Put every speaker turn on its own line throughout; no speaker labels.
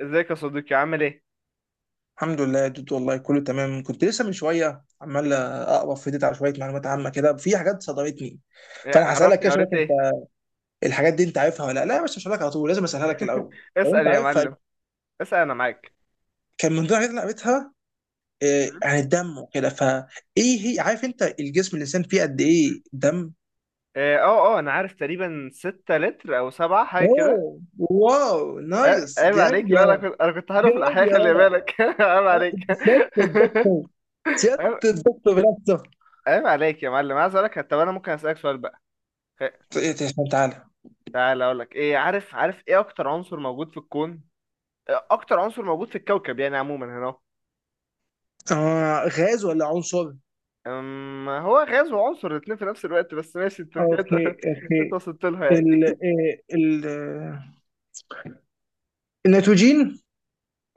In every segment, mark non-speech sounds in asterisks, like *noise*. ازيك يا صديقي، عامل ايه؟
الحمد لله يا دود، والله كله تمام. كنت لسه من شويه عمال اقرا في ديت على شويه معلومات عامه كده، في حاجات صدمتني. فانا هسالك
عرفني
كده اشوفك
قريت
انت
ايه؟
الحاجات دي انت عارفها ولا لا لا يا باشا. مش هسالك على طول، لازم اسالها لك
*laughs*
الاول لو
اسأل
انت
يا
عارفها.
معلم. اسأل، انا معاك.
كان من ضمن الحاجات اللي قريتها
مم.
عن الدم وكده، فايه هي، عارف انت الجسم الانسان فيه قد ايه دم؟
انا عارف تقريبا 6 لتر او سبعة، حاجة
اوه،
كده.
واو، نايس،
عيب
جامد
عليك. لا،
يا،
انا كنت هعرف
جامد
الاحياء،
يا
خلي
ولد.
بالك. *laughs* عيب عليك. *laughs*
سيادة الدكتور، سيادة
عيب
الدكتور بنفسه.
عيب عليك يا معلم. عايز اقول لك، طب انا ممكن اسألك سؤال بقى؟ خ-
إيه ده؟ تعالى.
تعال اقول لك ايه. عارف ايه اكتر عنصر موجود في الكون؟ اكتر عنصر موجود في الكوكب يعني عموما، هنا أهو.
آه، غاز ولا عنصر؟
هو غاز وعنصر، الاتنين في نفس الوقت، بس ماشي انت
اوكي
كده. *laughs*
اوكي.
انت وصلت لها
ال
يعني.
إيه، ال آه، النيتروجين.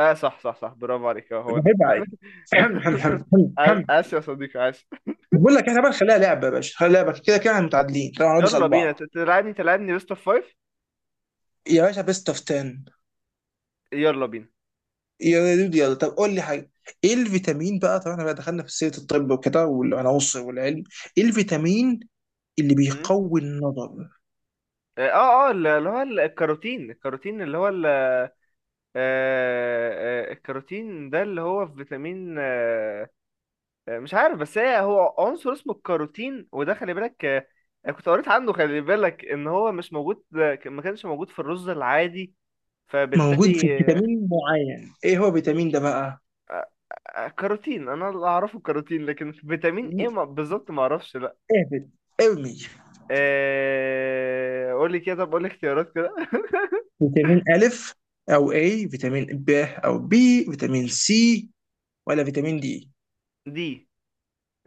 اه صح صح صح، برافو عليك، اه هو ده.
بحب عادي. حمل حمل حمل حمل
*laughs* آس
حمل.
آس يا صديقي، آسف.
بقول لك احنا بقى نخليها لعبه يا باشا، خليها لعبه، كده كده احنا متعادلين، طبعا هنقعد
يلا
نسال
بينا،
بعض.
تلعبني بيست اوف فايف.
يا باشا بيست اوف 10.
يلا بينا.
يا دود يلا، طب قول لي حاجه. ايه الفيتامين بقى، طبعا احنا بقى دخلنا في سيره الطب وكده والعناصر والعلم، ايه الفيتامين اللي
مم.
بيقوي النظر؟
اه اللي هو الكاروتين اللي هو الكاروتين ده، اللي هو في فيتامين. مش عارف، بس هو عنصر اسمه الكاروتين، وده خلي بالك. انا كنت قريت عنه، خلي بالك ان هو مش موجود، ما كانش موجود في الرز العادي،
موجود في
فبالتالي.
فيتامين معين، ايه هو الفيتامين ده بقى؟
كاروتين، انا اللي اعرفه كاروتين، لكن فيتامين ايه بالظبط ما اعرفش، لا.
اهبط، ارمي.
قول لي كده، طب قول لي اختيارات كده.
فيتامين ألف أو A، فيتامين ب أو B، فيتامين سي، ولا فيتامين دي؟
دي،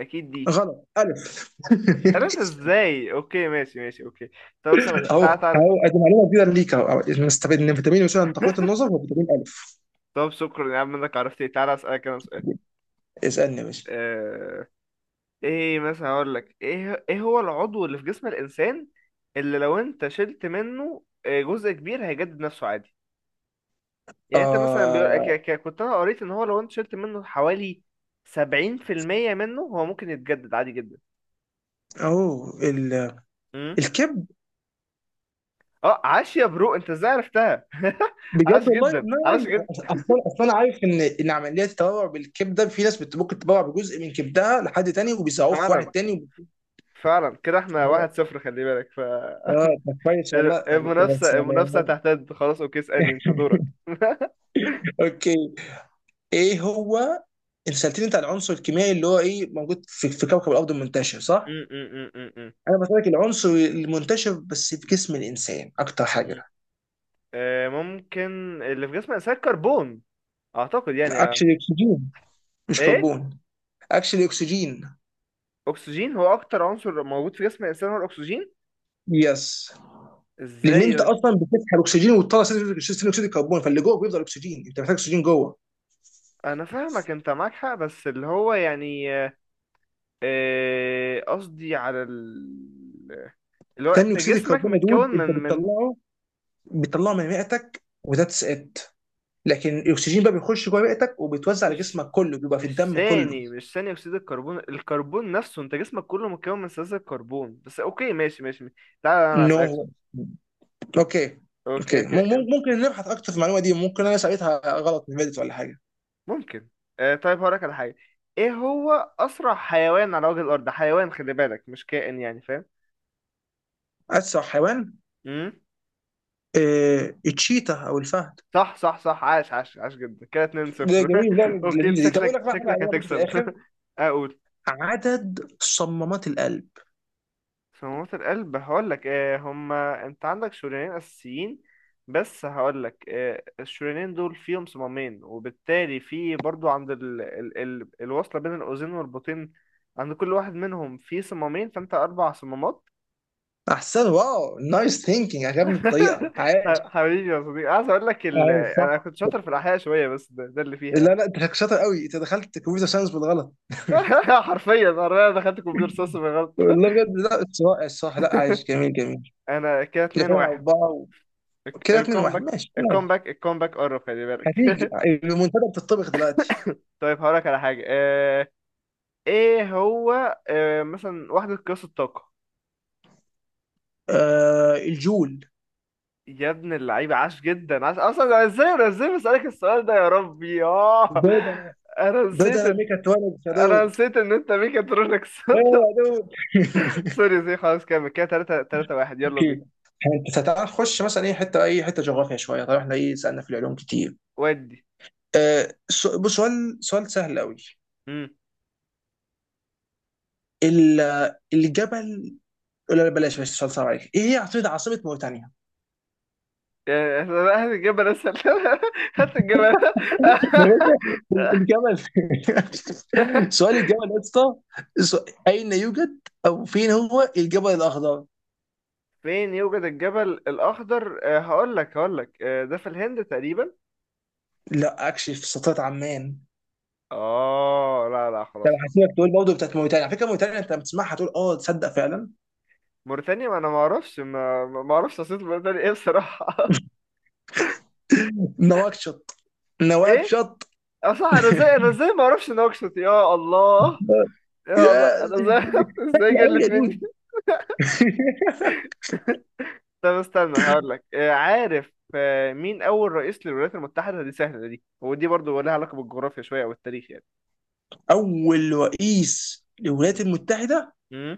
اكيد دي.
غلط، ألف. *laughs*
عرفت ازاي؟ اوكي ماشي ماشي، اوكي. طب استنى،
أهو
تعالى تعالى.
أهو، أدي معلومة جديدة ليك أهو أهو. نستفيد إن فيتامين يساعد على تقوية النظر هو فيتامين ألف.
طب شكرا يا عم انك عرفت ايه. تعالى اسالك انا سؤال.
اسألني يا باشا.
آه، ايه مثلا، هقول لك ايه هو العضو اللي في جسم الانسان اللي لو انت شلت منه جزء كبير، هيجدد نفسه عادي. يعني انت مثلا بيقول
آه،
كنت انا قريت ان هو لو انت شلت منه حوالي 70% منه، هو ممكن يتجدد عادي جدا.
أهو
امم
الكبد.
اه، عاش يا برو. انت ازاي عرفتها؟ *laughs* عاش
بجد والله
جدا،
ما،
عاش جدا.
أصلا أصلا أنا عارف إن عملية التبرع بالكبد ده في ناس ممكن تتبرع بجزء من كبدها لحد تاني، وبيساعوه في واحد
فعلا
تاني.
فعلا، كده احنا
وب-
1-0، خلي بالك.
اه ده كويس والله،
*laughs*
ده يا
المنافسة
سلام.
المنافسة تحتد، خلاص. اوكي اسألني، انت دورك. *laughs* م-
اوكي، ايه هو. انت سالتني انت عن العنصر الكيميائي اللي هو ايه موجود في كوكب الارض منتشر صح؟
م- م- م- م-
انا بسالك العنصر المنتشر بس في جسم الانسان اكتر حاجه.
م. ممكن اللي في جسم الانسان كربون، اعتقد يعني.
اكشلي اكسجين، مش
ايه،
كربون. اكشلي اكسجين.
اكسجين. هو اكتر عنصر موجود في جسم الانسان هو الاكسجين؟
يس. لان انت
ازاي؟
اصلا بتسحب اكسجين وتطلع ثاني اكسيد الكربون، فاللي جوه بيفضل اكسجين، انت محتاج اكسجين جوه.
انا فاهمك، انت معاك حق، بس اللي هو يعني قصدي على اللي هو
ثاني
انت
اكسيد
جسمك
الكربون يا دود
متكون
انت
من
بتطلعه، بتطلعه من رئتك وذاتس ات. لكن الاكسجين بقى بيخش جوه رئتك وبيتوزع على
مش
جسمك كله، بيبقى في
مش
الدم كله.
ثاني مش ثاني اكسيد الكربون، الكربون نفسه. انت جسمك كله متكون من ثلاثة كربون بس. اوكي ماشي ماشي ماشي. تعالى انا اسالك سؤال.
نو. No. اوكي
اوكي
اوكي.
اوكي،
ممكن نبحث اكتر في المعلومه دي، ممكن انا سألتها غلط من فيديو ولا حاجه.
ممكن. طيب هقولك على حاجه. ايه هو اسرع حيوان على وجه الارض؟ حيوان، خلي بالك، مش كائن يعني،
اسرع حيوان،
فاهم.
إيه، التشيتا او الفهد.
صح صح صح، عاش عاش عاش جدا كده،
ده
2-0.
جميل، لا
*laughs* اوكي انت
لذيذه دي. طب اقول
شكلك
لك بقى حاجه عليها برضه في
هتكسب.
الاخر.
*laughs* اقول
عدد صمامات القلب.
في موت القلب. هقول لك، آه هما انت عندك شريانين اساسيين، بس هقول لك، آه الشريانين دول فيهم صمامين، وبالتالي في برضو عند الوصله بين الاذين والبطين، عند كل واحد منهم في صمامين، فانت 4 صمامات.
احسن، واو، نايس ثينكينج، عجبني الطريقه،
*laughs*
عايش.
حبيبي يا صديقي، عايز اقول لك
عايش صح.
انا كنت شاطر في الاحياء شويه، بس ده اللي فيها.
لا لا، انت شاطر قوي، انت دخلت كمبيوتر ساينس بالغلط. *laughs*
*laughs* حرفيا انا دخلت كمبيوتر ساينس بالغلط.
والله بجد، لا اتس رائع الصراحه، لا عايش، جميل جميل.
انا كده
ده
2
فعلا
1.
اربعه، كده 2 1،
الكومباك
ماشي ماشي.
الكومباك قرب، خلي بالك.
هتيجي
*laughs*
المنتدى بتطبخ دلوقتي.
طيب هقولك على حاجه ايه هو. مثلا وحده قياس الطاقه.
آه، الجول.
يا ابن اللعيبه، عاش جدا، عاش. اصلا أنا ازاي بسالك السؤال ده يا ربي، اه.
دود انا،
انا
دود
نسيت
انا
إن-
ميكاترونكس يا
انا
دود.
نسيت ان انت ميكاترونكس.
ايه
*laughs*
يا دود. *laughs*
سوري سوري، خلاص كمل كده، 3 3 1، يلا
اوكي
بينا.
انت تعال نخش مثلا اي حته اي حته، جغرافيا شويه، طبعا احنا ايه سالنا في العلوم كتير.
ودي.
بص سؤال، سؤال سهل قوي.
امم
الجبل. لا لا، بلاش بلاش سؤال صعب عليك، ايه هي عاصمه موريتانيا؟ *laughs*
هات الجبل اسهل. *laughs* هات الجبل.
يا باشا،
*laughs*
الجبل. *laughs* سؤال الجبل يا اسطى. اين يوجد او فين هو الجبل الاخضر؟
فين يوجد الجبل الأخضر؟ هقول لك ده في الهند تقريبا.
لا، اكشلي في سلطنه عمان.
اه لا لا،
طب
خلاص خلاص.
هسيبك تقول برضه بتاعت موريتانيا، على فكره موريتانيا انت لما تسمعها تقول اه تصدق فعلا.
موريتانيا، ما انا ما اعرفش، ما اعرفش عاصمة موريتانيا ايه، بصراحة.
نواكشوط،
*laughs* ايه؟
نواكشوط.
اه صح،
*laughs*
انا ازاي ما اعرفش نوكشوت! يا الله! يا الله
يا،
انا ازاي!
سهله
*laughs* ازاي
قوي
جلت
يا دود.
مني!
*laughs*
*laughs* طب استنى هقول لك، عارف مين اول رئيس للولايات المتحدة؟ دي سهلة دي، ودي برضو لها علاقة بالجغرافيا شوية او التاريخ يعني.
اول رئيس للولايات
مم.
المتحده،
مم.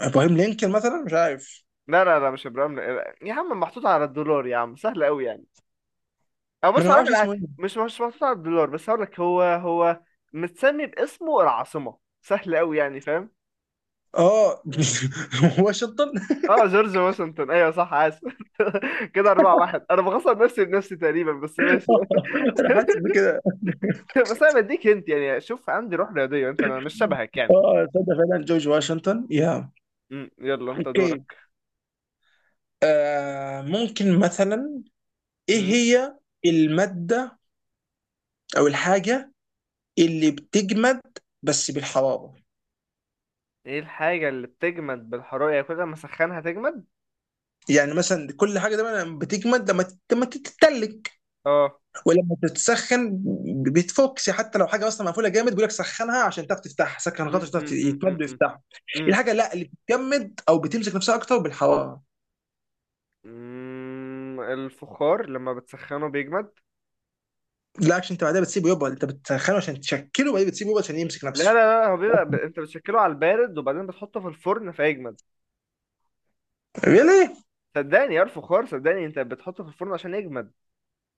ابراهيم لينكولن مثلا، مش عارف،
لا لا لا، مش ابراهام، يا عم محطوط على الدولار يا عم، سهل قوي يعني. أو
انا
بص
ما
هقولك
اعرفش
على
اسمه
حاجة،
ايه.
مش محطوط على الدولار، بس هقولك هو، متسمي باسمه العاصمة، سهل أوي يعني، فاهم.
اه. *laughs* واشنطن. *laughs*
اه جورج واشنطن، ايوه صح، اسف. *laughs* كده 4-1، أنا بخسر نفسي بنفسي تقريبا، بس ماشي.
انا حاسس بكده.
*laughs* بس أنا بديك أنت يعني، شوف عندي روح رياضية، أنت مش شبهك يعني.
اه تصدق فعلا جورج واشنطن يا.
مم، يلا أنت
اوكي،
دورك.
آه ممكن مثلا، ايه
مم.
هي الماده او
مم.
الحاجه اللي بتجمد بس بالحراره؟
إيه الحاجة اللي بتجمد بالحرارة؟ يعني كل ما أسخنها تجمد؟
يعني مثلا كل حاجه دايما لما بتجمد، لما لما تتلج
اه.
ولما تتسخن بتفوكس، حتى لو حاجه اصلا مقفوله جامد بيقول لك سخنها عشان تعرف تفتحها، سخن
مم،
الغطا عشان تعرف
مم، مم، مم،
يتمد
مم.
ويفتحها.
مم.
الحاجه لا اللي بتجمد او بتمسك نفسها اكتر بالحراره.
مم، الفخار لما بتسخنه بيجمد.
لا عشان انت بعدها بتسيبه يبقى، انت بتسخنه عشان تشكله وبعدين بتسيبه يبقى عشان يمسك
لا لا
نفسه.
لا، هو بيبقى انت بتشكله على البارد، وبعدين بتحطه في الفرن فيجمد.
ليه؟
صدقني يا فخار، صدقني انت بتحطه في الفرن عشان يجمد.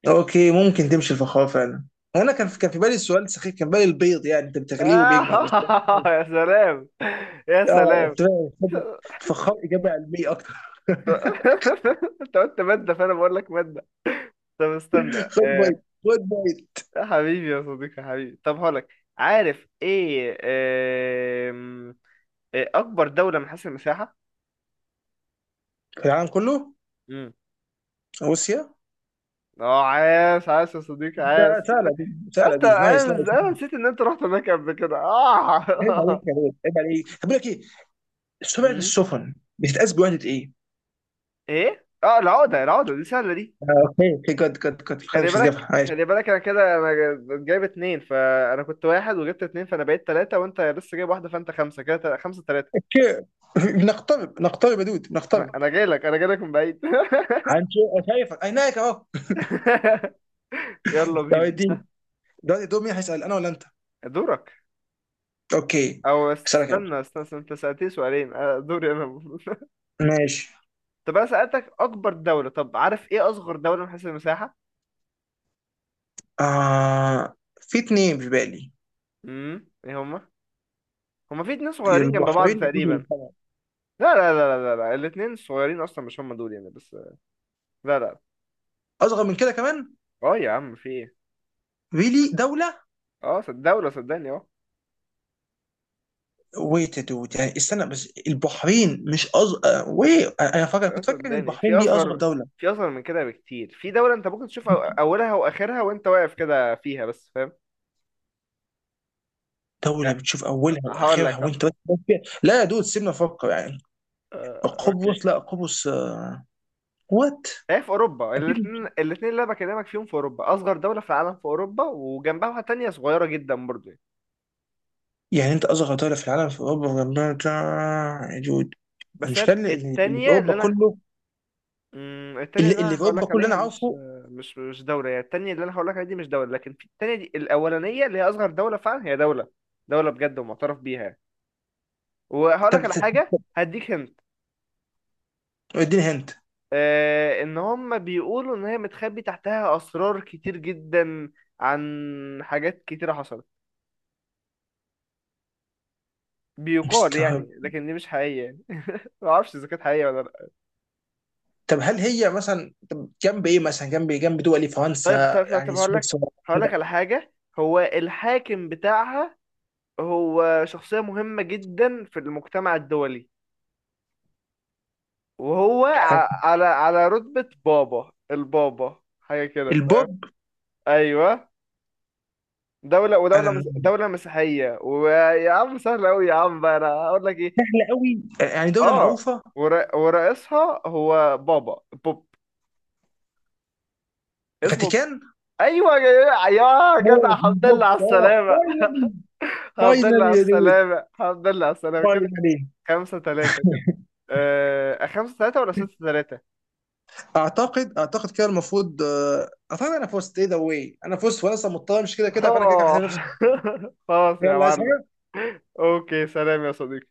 اوكي ممكن تمشي الفخار فعلا. انا كان في بالي السؤال سخيف، كان في بالي البيض، يعني انت بتغليه
آه.
وبيجمد بس.
*laughs* يا سلام، يا
اه،
سلام.
استراليا، فخار، اجابه علميه اكتر. *laughs*
*laughs* انت قلت مادة، فانا بقول لك مادة. طب استنى،
خد
آه.
بيض خد بيض.
يا حبيبي يا صديقي، يا حبيبي، طب هقولك عارف ايه، آم، إيه اكبر دولة من حيث المساحة؟
العالم كله،
امم
روسيا.
اه عاش، عاش يا صديقي،
ده
عاش.
سهله دي، سهله
انت
دي،
انا
نايس نايس.
انا نسيت ان انت رحت هناك قبل كده،
عيب
اه.
عليك يا بيض، عيب عليك. طب بقول لك ايه، سمعه
*laughs*
السفن بتتقاس بوحده ايه؟
ايه؟ اه، العقده، دي سهله دي.
آه، اوكي اوكي، جد جد جد، خلاص
خلي
مش
بالك
هتجيبها، ماشي.
خلي بالك، انا كده انا جايب اتنين، فانا كنت واحد وجبت اتنين فانا بقيت تلاته، وانت لسه جايب واحده، فانت خمسه كده، 5-3.
اوكي. *laughs* بنقترب، نقترب يا دود،
انا
بنقترب.
أنا جاي لك، انا جاي لك من بعيد.
هنشوف، شايفك عينيك اهو.
*laughs* يلا
*laughs* طب
بينا،
اديني، دلوقتي دور مين هيسال، انا ولا انت؟
دورك.
اوكي،
او
اسالك انا.
استنى، استنى, استنى، انت سالتني سؤالين، دوري انا المفروض.
ماشي.
*laughs* طب انا سالتك اكبر دوله، طب عارف ايه اصغر دوله من حيث المساحه؟
آه، في اتنين في بالي.
ايه هما؟ هما في اتنين صغيرين جنب بعض
البحرين، يجوز
تقريبا.
القمر.
لا لا لا لا لا, لا. الاتنين صغيرين اصلا، مش هما دول يعني، بس. لا لا.
اصغر من كده كمان،
اه يا عم في ايه؟
ريلي دوله.
اه دولة، صدقني، اه.
ويت دوت، يعني استنى بس، البحرين مش اصغر وي، انا فاكر، كنت فاكر ان
صدقني في
البحرين دي اصغر
اصغر،
دوله.
في اصغر من كده بكتير، في دولة انت ممكن تشوف اولها واخرها وانت واقف كده فيها بس، فاهم.
دوله
لا،
بتشوف اولها
هقول
واخرها
لك ه-
وانت بس فيها. لا يا دود، سيبنا نفكر يعني.
اوكي.
قبرص، لا قبرص. وات.
هي في اوروبا.
اكيد.
الاثنين اللي انا بكلمك فيهم في اوروبا، اصغر دولة في العالم في اوروبا، وجنبها واحدة تانية صغيرة جدا برضه يعني.
يعني انت اصغر دوله في العالم في اوروبا وجنبها بتاع- يا دود، انا
بس
مش
هي
كان اللي اللي في
التانية اللي
اوروبا
انا،
كله،
مم، التانية اللي
اللي
انا
في
هقول
اوروبا
لك
كله انا
عليها مش،
عارفه.
مش دولة يعني. التانية اللي انا هقول لك عليها دي مش دولة، لكن في التانية دي، الاولانية اللي هي اصغر دولة فعلا، هي دولة. دولة بجد ومعترف بيها يعني. وهقول
طب
لك على حاجه هديك هنت،
اديني هنت.
آه ان هم بيقولوا ان هي متخبي تحتها اسرار كتير جدا عن حاجات كتيره حصلت، بيقال
مستر.
يعني، لكن دي مش حقيقيه يعني. *laughs* ما اعرفش اذا كانت حقيقيه ولا لا.
طب هل هي مثلا، طب جنب ايه مثلا، جنب إيه؟ جنب دول
طيب
فرنسا
طب طب
يعني
طب هقول لك،
سويسرا
هقول لك
كده.
على حاجه. هو الحاكم بتاعها هو شخصيه مهمه جدا في المجتمع الدولي، وهو
حاجة.
على رتبه بابا، البابا حاجه كده.
البوب.
ايوه. دولة،
انا،
دولة مسيحية. ويا عم سهل أوي يا عم بقى، أنا هقول لك إيه،
لا قوي، يعني دوله
آه،
معروفه.
ورئيسها هو بابا بوب اسمه.
فاتيكان.
أيوه يا جدع،
أوه،
الحمد
البوب،
لله على
اه
السلامة!
فاينلي.
الحمد لله
فاينلي
على
يا دود،
السلامة، الحمد لله على السلامة كده.
فاينلي.
5-3 كده. 5-3 ولا 6-3؟
اعتقد كده المفروض، آه، اعتقد انا فزت، ايه ذا واي، انا فزت، وانا اصلا مضطر، مش كده كده فانا كده كده
آه.
هحترم نفسي.
*laughs* خلاص يا
يلا، عايز
معلم.
حاجة؟
أوكي، سلام يا صديقي.